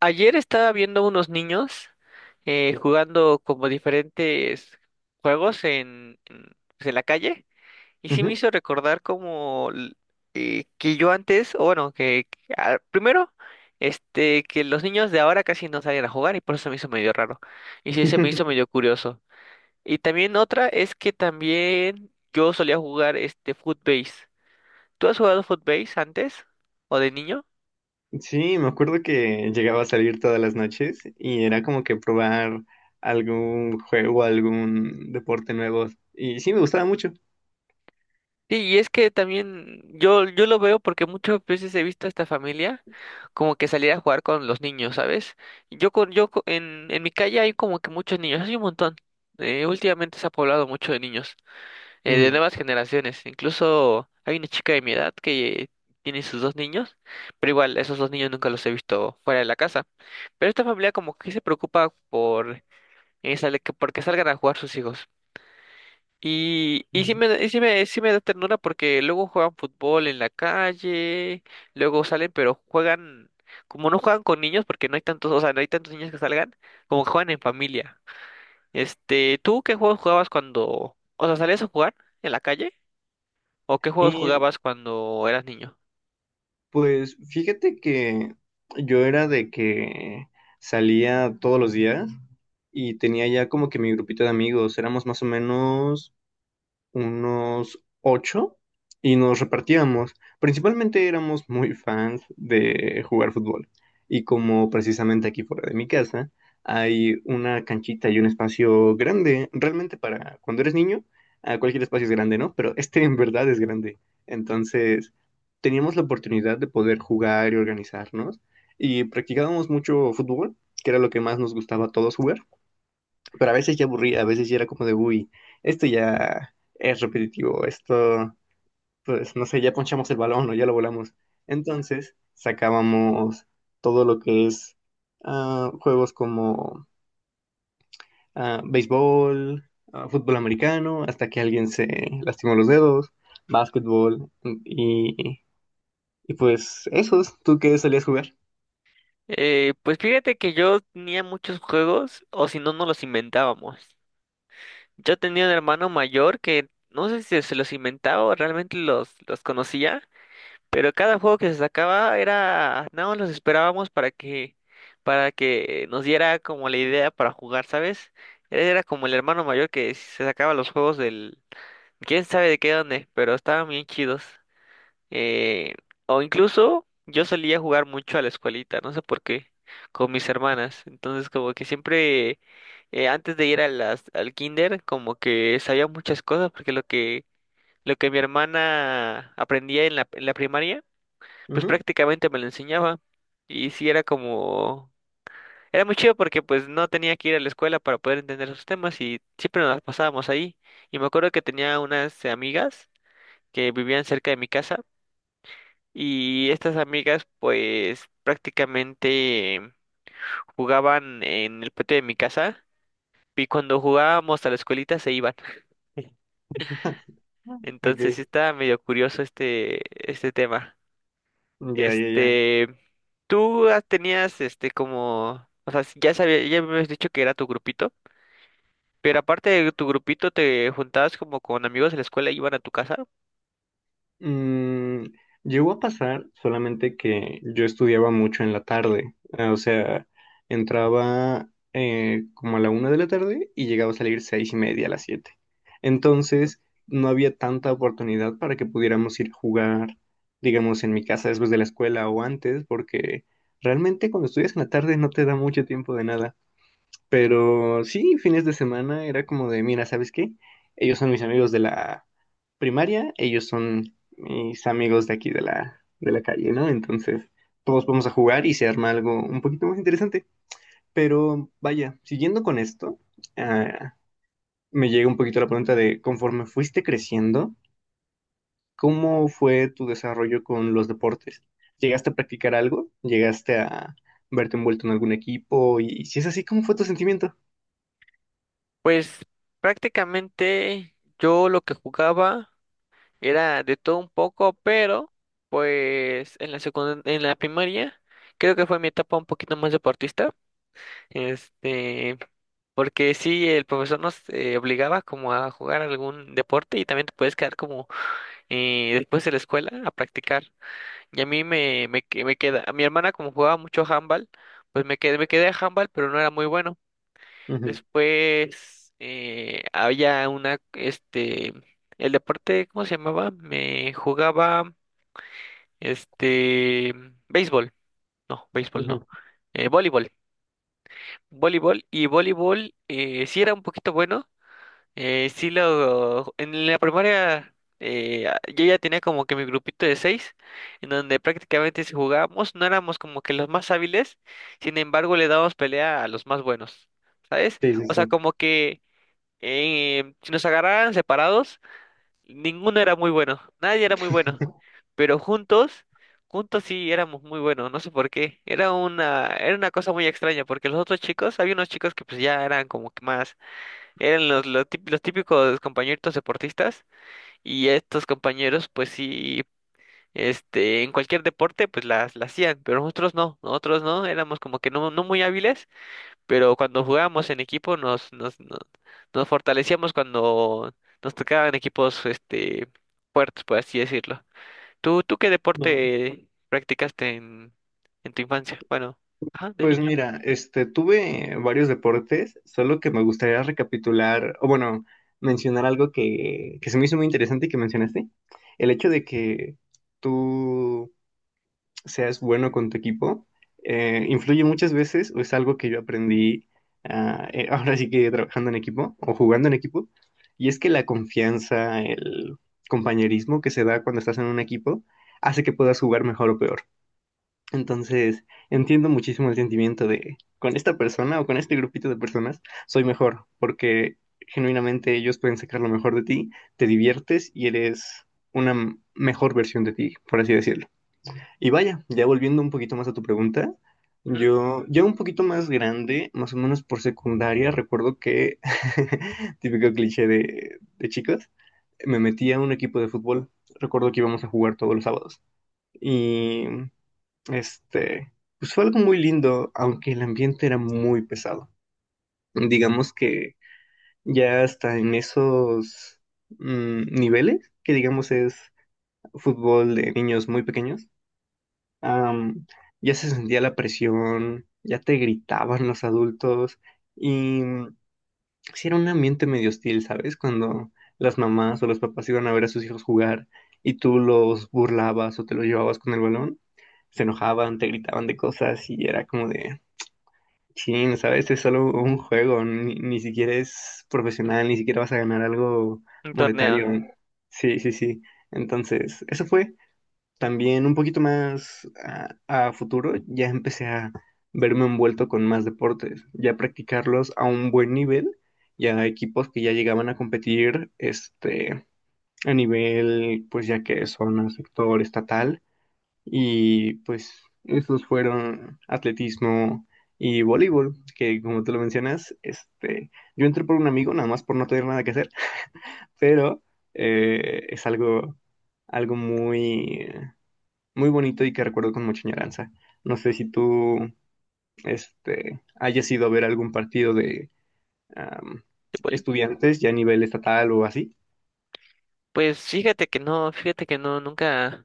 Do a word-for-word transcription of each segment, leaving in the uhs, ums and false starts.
Ayer estaba viendo unos niños eh, jugando como diferentes juegos en, en, pues, en la calle y sí me Ujú. hizo recordar como l- eh, que yo antes, o bueno, que que, ah, primero, este, que los niños de ahora casi no salen a jugar y por eso se me hizo medio raro y sí se me hizo medio curioso. Y también otra es que también yo solía jugar este Footbase. ¿Tú has jugado Footbase antes o de niño? Sí, me acuerdo que llegaba a salir todas las noches y era como que probar algún juego, algún deporte nuevo. Y sí, me gustaba mucho. Sí, y es que también yo, yo lo veo porque muchas veces he visto a esta familia como que salir a jugar con los niños, ¿sabes? Yo con, yo co- en, en mi calle hay como que muchos niños, hay un montón. Eh, últimamente se ha poblado mucho de niños, eh, de Mm. nuevas generaciones. Incluso hay una chica de mi edad que tiene sus dos niños, pero igual esos dos niños nunca los he visto fuera de la casa. Pero esta familia como que se preocupa por, eh, sale- que- porque salgan a jugar sus hijos. Y, y sí me, da- y sí me, sí me da ternura porque luego juegan fútbol en la calle, luego salen, pero juegan, como no juegan con niños, porque no hay tantos, o sea, no hay tantos niños que salgan, como que juegan en familia. Este, ¿tú qué juegos jugabas cuando, o sea, salías a jugar en la calle? ¿O qué juegos Y jugabas cuando eras niño? pues fíjate que yo era de que salía todos los días y tenía ya como que mi grupito de amigos. Éramos más o menos unos ocho y nos repartíamos. Principalmente éramos muy fans de jugar fútbol. Y como precisamente aquí fuera de mi casa hay una canchita y un espacio grande, realmente para cuando eres niño, ah, cualquier espacio es grande, ¿no? Pero este en verdad es grande. Entonces teníamos la oportunidad de poder jugar y organizarnos. Y practicábamos mucho fútbol, que era lo que más nos gustaba a todos jugar, pero a veces ya aburría, a veces ya era como de, uy, esto ya es repetitivo, esto, pues no sé, ya ponchamos el balón o ya lo volamos. Entonces sacábamos todo lo que es ah, juegos como ah, béisbol, ah, fútbol americano, hasta que alguien se lastimó los dedos, básquetbol y, y pues esos, ¿tú qué solías jugar? Eh, pues fíjate que yo tenía muchos juegos, o si no, nos los inventábamos. Yo tenía un hermano mayor que no sé si se los inventaba o realmente los, los conocía. Pero cada juego que se sacaba era, nada más los esperábamos para que, para que nos diera como la idea para jugar, ¿sabes? Él era como el hermano mayor que se sacaba los juegos del, quién sabe de qué dónde, pero estaban bien chidos. Eh, o incluso yo solía jugar mucho a la escuelita, no sé por qué, con mis hermanas. Entonces como que siempre, eh, antes de ir a las, al kinder, como que sabía muchas cosas, porque lo que, lo que mi hermana aprendía en la, en la primaria, pues Ujú. prácticamente me lo enseñaba y sí era como, era muy chido porque pues no tenía que ir a la escuela para poder entender esos temas y siempre nos las pasábamos ahí. Y me acuerdo que tenía unas amigas que vivían cerca de mi casa y estas amigas pues prácticamente jugaban en el patio de mi casa y cuando jugábamos a la escuelita se iban. Ok, Entonces sí estaba medio curioso este, este tema. ya, ya, ya. Este, tú has- tenías este como, o sea, ya sabía, ya me habías dicho que era tu grupito, pero aparte de tu grupito te juntabas como con amigos de la escuela y iban a tu casa. Mm, llegó a pasar solamente que yo estudiaba mucho en la tarde, eh, o sea, entraba eh, como a la una de la tarde y llegaba a salir seis y media a las siete. Entonces, no había tanta oportunidad para que pudiéramos ir a jugar, digamos, en mi casa después de la escuela o antes, porque realmente cuando estudias en la tarde no te da mucho tiempo de nada. Pero sí, fines de semana era como de, mira, ¿sabes qué? Ellos son mis amigos de la primaria, ellos son mis amigos de aquí de la, de la calle, ¿no? Entonces, todos vamos a jugar y se arma algo un poquito más interesante. Pero vaya, siguiendo con esto, ah, me llega un poquito la pregunta de, conforme fuiste creciendo, ¿cómo fue tu desarrollo con los deportes? ¿Llegaste a practicar algo? ¿Llegaste a verte envuelto en algún equipo? Y si es así, ¿cómo fue tu sentimiento? Pues prácticamente yo lo que jugaba era de todo un poco, pero pues en la secund- en la primaria creo que fue mi etapa un poquito más deportista, este, porque sí el profesor nos eh, obligaba como a jugar algún deporte y también te puedes quedar como eh, después de la escuela a practicar. Y a mí me, me, que- me queda, a mi hermana como jugaba mucho handball, pues me quedé, me quedé a handball, pero no era muy bueno. Después eh, había una, este, el deporte, ¿cómo se llamaba? Me jugaba, este, béisbol, no, béisbol Ujú, no, ujú. eh, voleibol, voleibol y voleibol eh, sí era un poquito bueno. Eh, sí, lo, en la primaria eh, a- yo ya tenía como que mi grupito de seis, en donde prácticamente si jugábamos no éramos como que los más hábiles, sin embargo le dábamos pelea a los más buenos, ¿sabes? Sí, sí, O sea, sí. como que eh, si nos agarraran separados, ninguno era muy bueno, nadie era muy bueno, pero juntos, juntos sí éramos muy buenos, no sé por qué, era una, era una cosa muy extraña, porque los otros chicos, había unos chicos que pues ya eran como que más, eran los, los, tip- los típicos compañeritos deportistas y estos compañeros pues sí, este, en cualquier deporte pues las, las hacían, pero nosotros no, nosotros no, éramos como que no, no muy hábiles, pero cuando jugábamos en equipo nos, nos, nos, nos fortalecíamos cuando nos tocaban equipos este, fuertes, por así decirlo. ¿Tú, tú qué No. deporte practicaste en, en tu infancia? Bueno, ajá, de Pues niño. mira, este, tuve varios deportes, solo que me gustaría recapitular, o bueno, mencionar algo que, que se me hizo muy interesante y que mencionaste. El hecho de que tú seas bueno con tu equipo eh, influye muchas veces, o es algo que yo aprendí ah, eh, ahora sí que trabajando en equipo o jugando en equipo, y es que la confianza, el compañerismo que se da cuando estás en un equipo hace que puedas jugar mejor o peor. Entonces, entiendo muchísimo el sentimiento de, con esta persona o con este grupito de personas, soy mejor, porque genuinamente ellos pueden sacar lo mejor de ti, te diviertes y eres una m- mejor versión de ti, por así decirlo. Y vaya, ya volviendo un poquito más a tu pregunta, Ujú. yo ya un poquito más grande, más o menos por secundaria, recuerdo que, típico cliché de, de chicos, me metí a un equipo de fútbol. Recuerdo que íbamos a jugar todos los sábados. Y este, pues fue algo muy lindo, aunque el ambiente era muy pesado. Digamos que ya hasta en esos mm, niveles, que digamos es fútbol de niños muy pequeños, am, ya se sentía la presión, ya te gritaban los adultos y mm, sí era un ambiente medio hostil, ¿sabes? Cuando las mamás o los papás iban a ver a sus hijos jugar y tú los burlabas o te los llevabas con el balón, se enojaban, te gritaban de cosas y era como de. Sí, ¿sabes? Es solo un juego, ni, ni siquiera es profesional, ni siquiera vas a ganar algo Un torneo monetario. Sí, sí, sí. Entonces, eso fue. También un poquito más a, a futuro, ya empecé a verme envuelto con más deportes, ya practicarlos a un buen nivel, ya equipos que ya llegaban a competir, este, a nivel, pues ya que son a sector estatal. Y pues esos fueron atletismo y voleibol, que como tú lo mencionas, este, yo entré por un amigo, nada más por no tener nada que hacer, pero eh, es algo, algo muy, muy bonito y que recuerdo con mucha añoranza. No sé si tú, este, hayas ido a ver algún partido de am, de boli. estudiantes ya a nivel estatal o así. Pues fíjate que no, fíjate que no, nunca.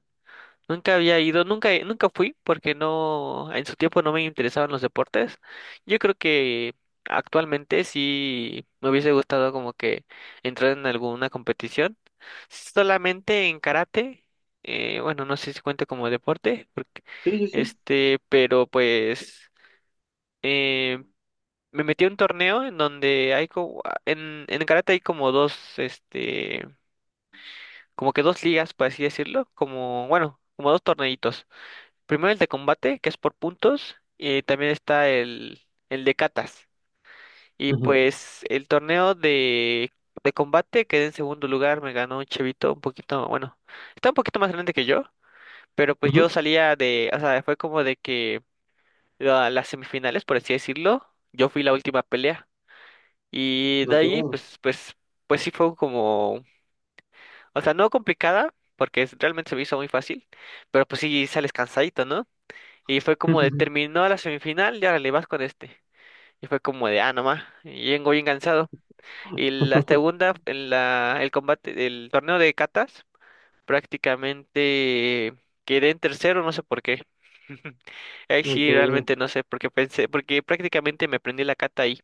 Nunca había ido, nunca, nunca fui porque no, en su tiempo no me interesaban los deportes. Yo creo que actualmente sí me hubiese gustado como que entrar en alguna competición. Solamente en karate, eh, bueno, no sé si cuenta como deporte, porque, Sí, sí, sí. este, pero pues eh, me metí a un torneo en donde hay como, en, en karate hay como dos, este, como que dos ligas, por así decirlo, como, bueno, como dos torneitos. Primero el de combate, que es por puntos, y también está el, el de catas. Y Ujú, pues el torneo de, de combate quedé en segundo lugar, me ganó un chavito un poquito, bueno, está un poquito más grande que yo, pero pues ujú. yo salía de, o sea, fue como de que la- las semifinales, por así decirlo, yo fui la última pelea. Y de Ok. ahí, pues, pues, pues sí fue como, o sea, no complicada, porque es- realmente se me hizo muy fácil, pero pues sí sales cansadito, ¿no? Y fue como de terminó la semifinal y ahora le vas con este. Y fue como de, ah, nomás, y vengo bien cansado. Y la segunda, en la, el combate, el torneo de catas, prácticamente quedé en tercero, no sé por qué. Ahí sí, Ok. realmente no sé, porque pensé, porque prácticamente me aprendí la cata ahí.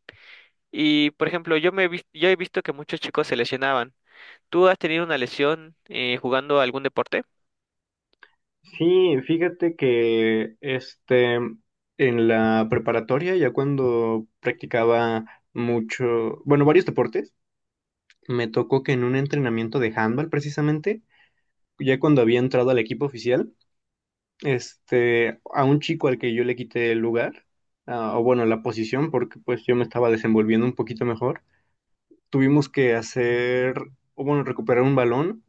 Y, por ejemplo, yo me he vis- yo he visto que muchos chicos se lesionaban. ¿Tú has tenido una lesión eh, jugando algún deporte? Sí, fíjate que este en la preparatoria, ya cuando practicaba mucho, bueno, varios deportes, me tocó que en un entrenamiento de handball precisamente, ya cuando había entrado al equipo oficial, este, a un chico al que yo le quité el lugar, ah, o bueno, la posición, porque pues yo me estaba desenvolviendo un poquito mejor, tuvimos que hacer, o bueno, recuperar un balón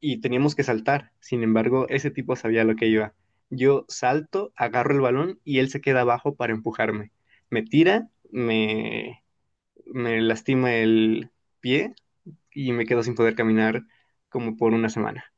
y teníamos que saltar. Sin embargo, ese tipo sabía lo que iba. Yo salto, agarro el balón y él se queda abajo para empujarme. Me tira, me, me lastima el pie y me quedo sin poder caminar como por una semana.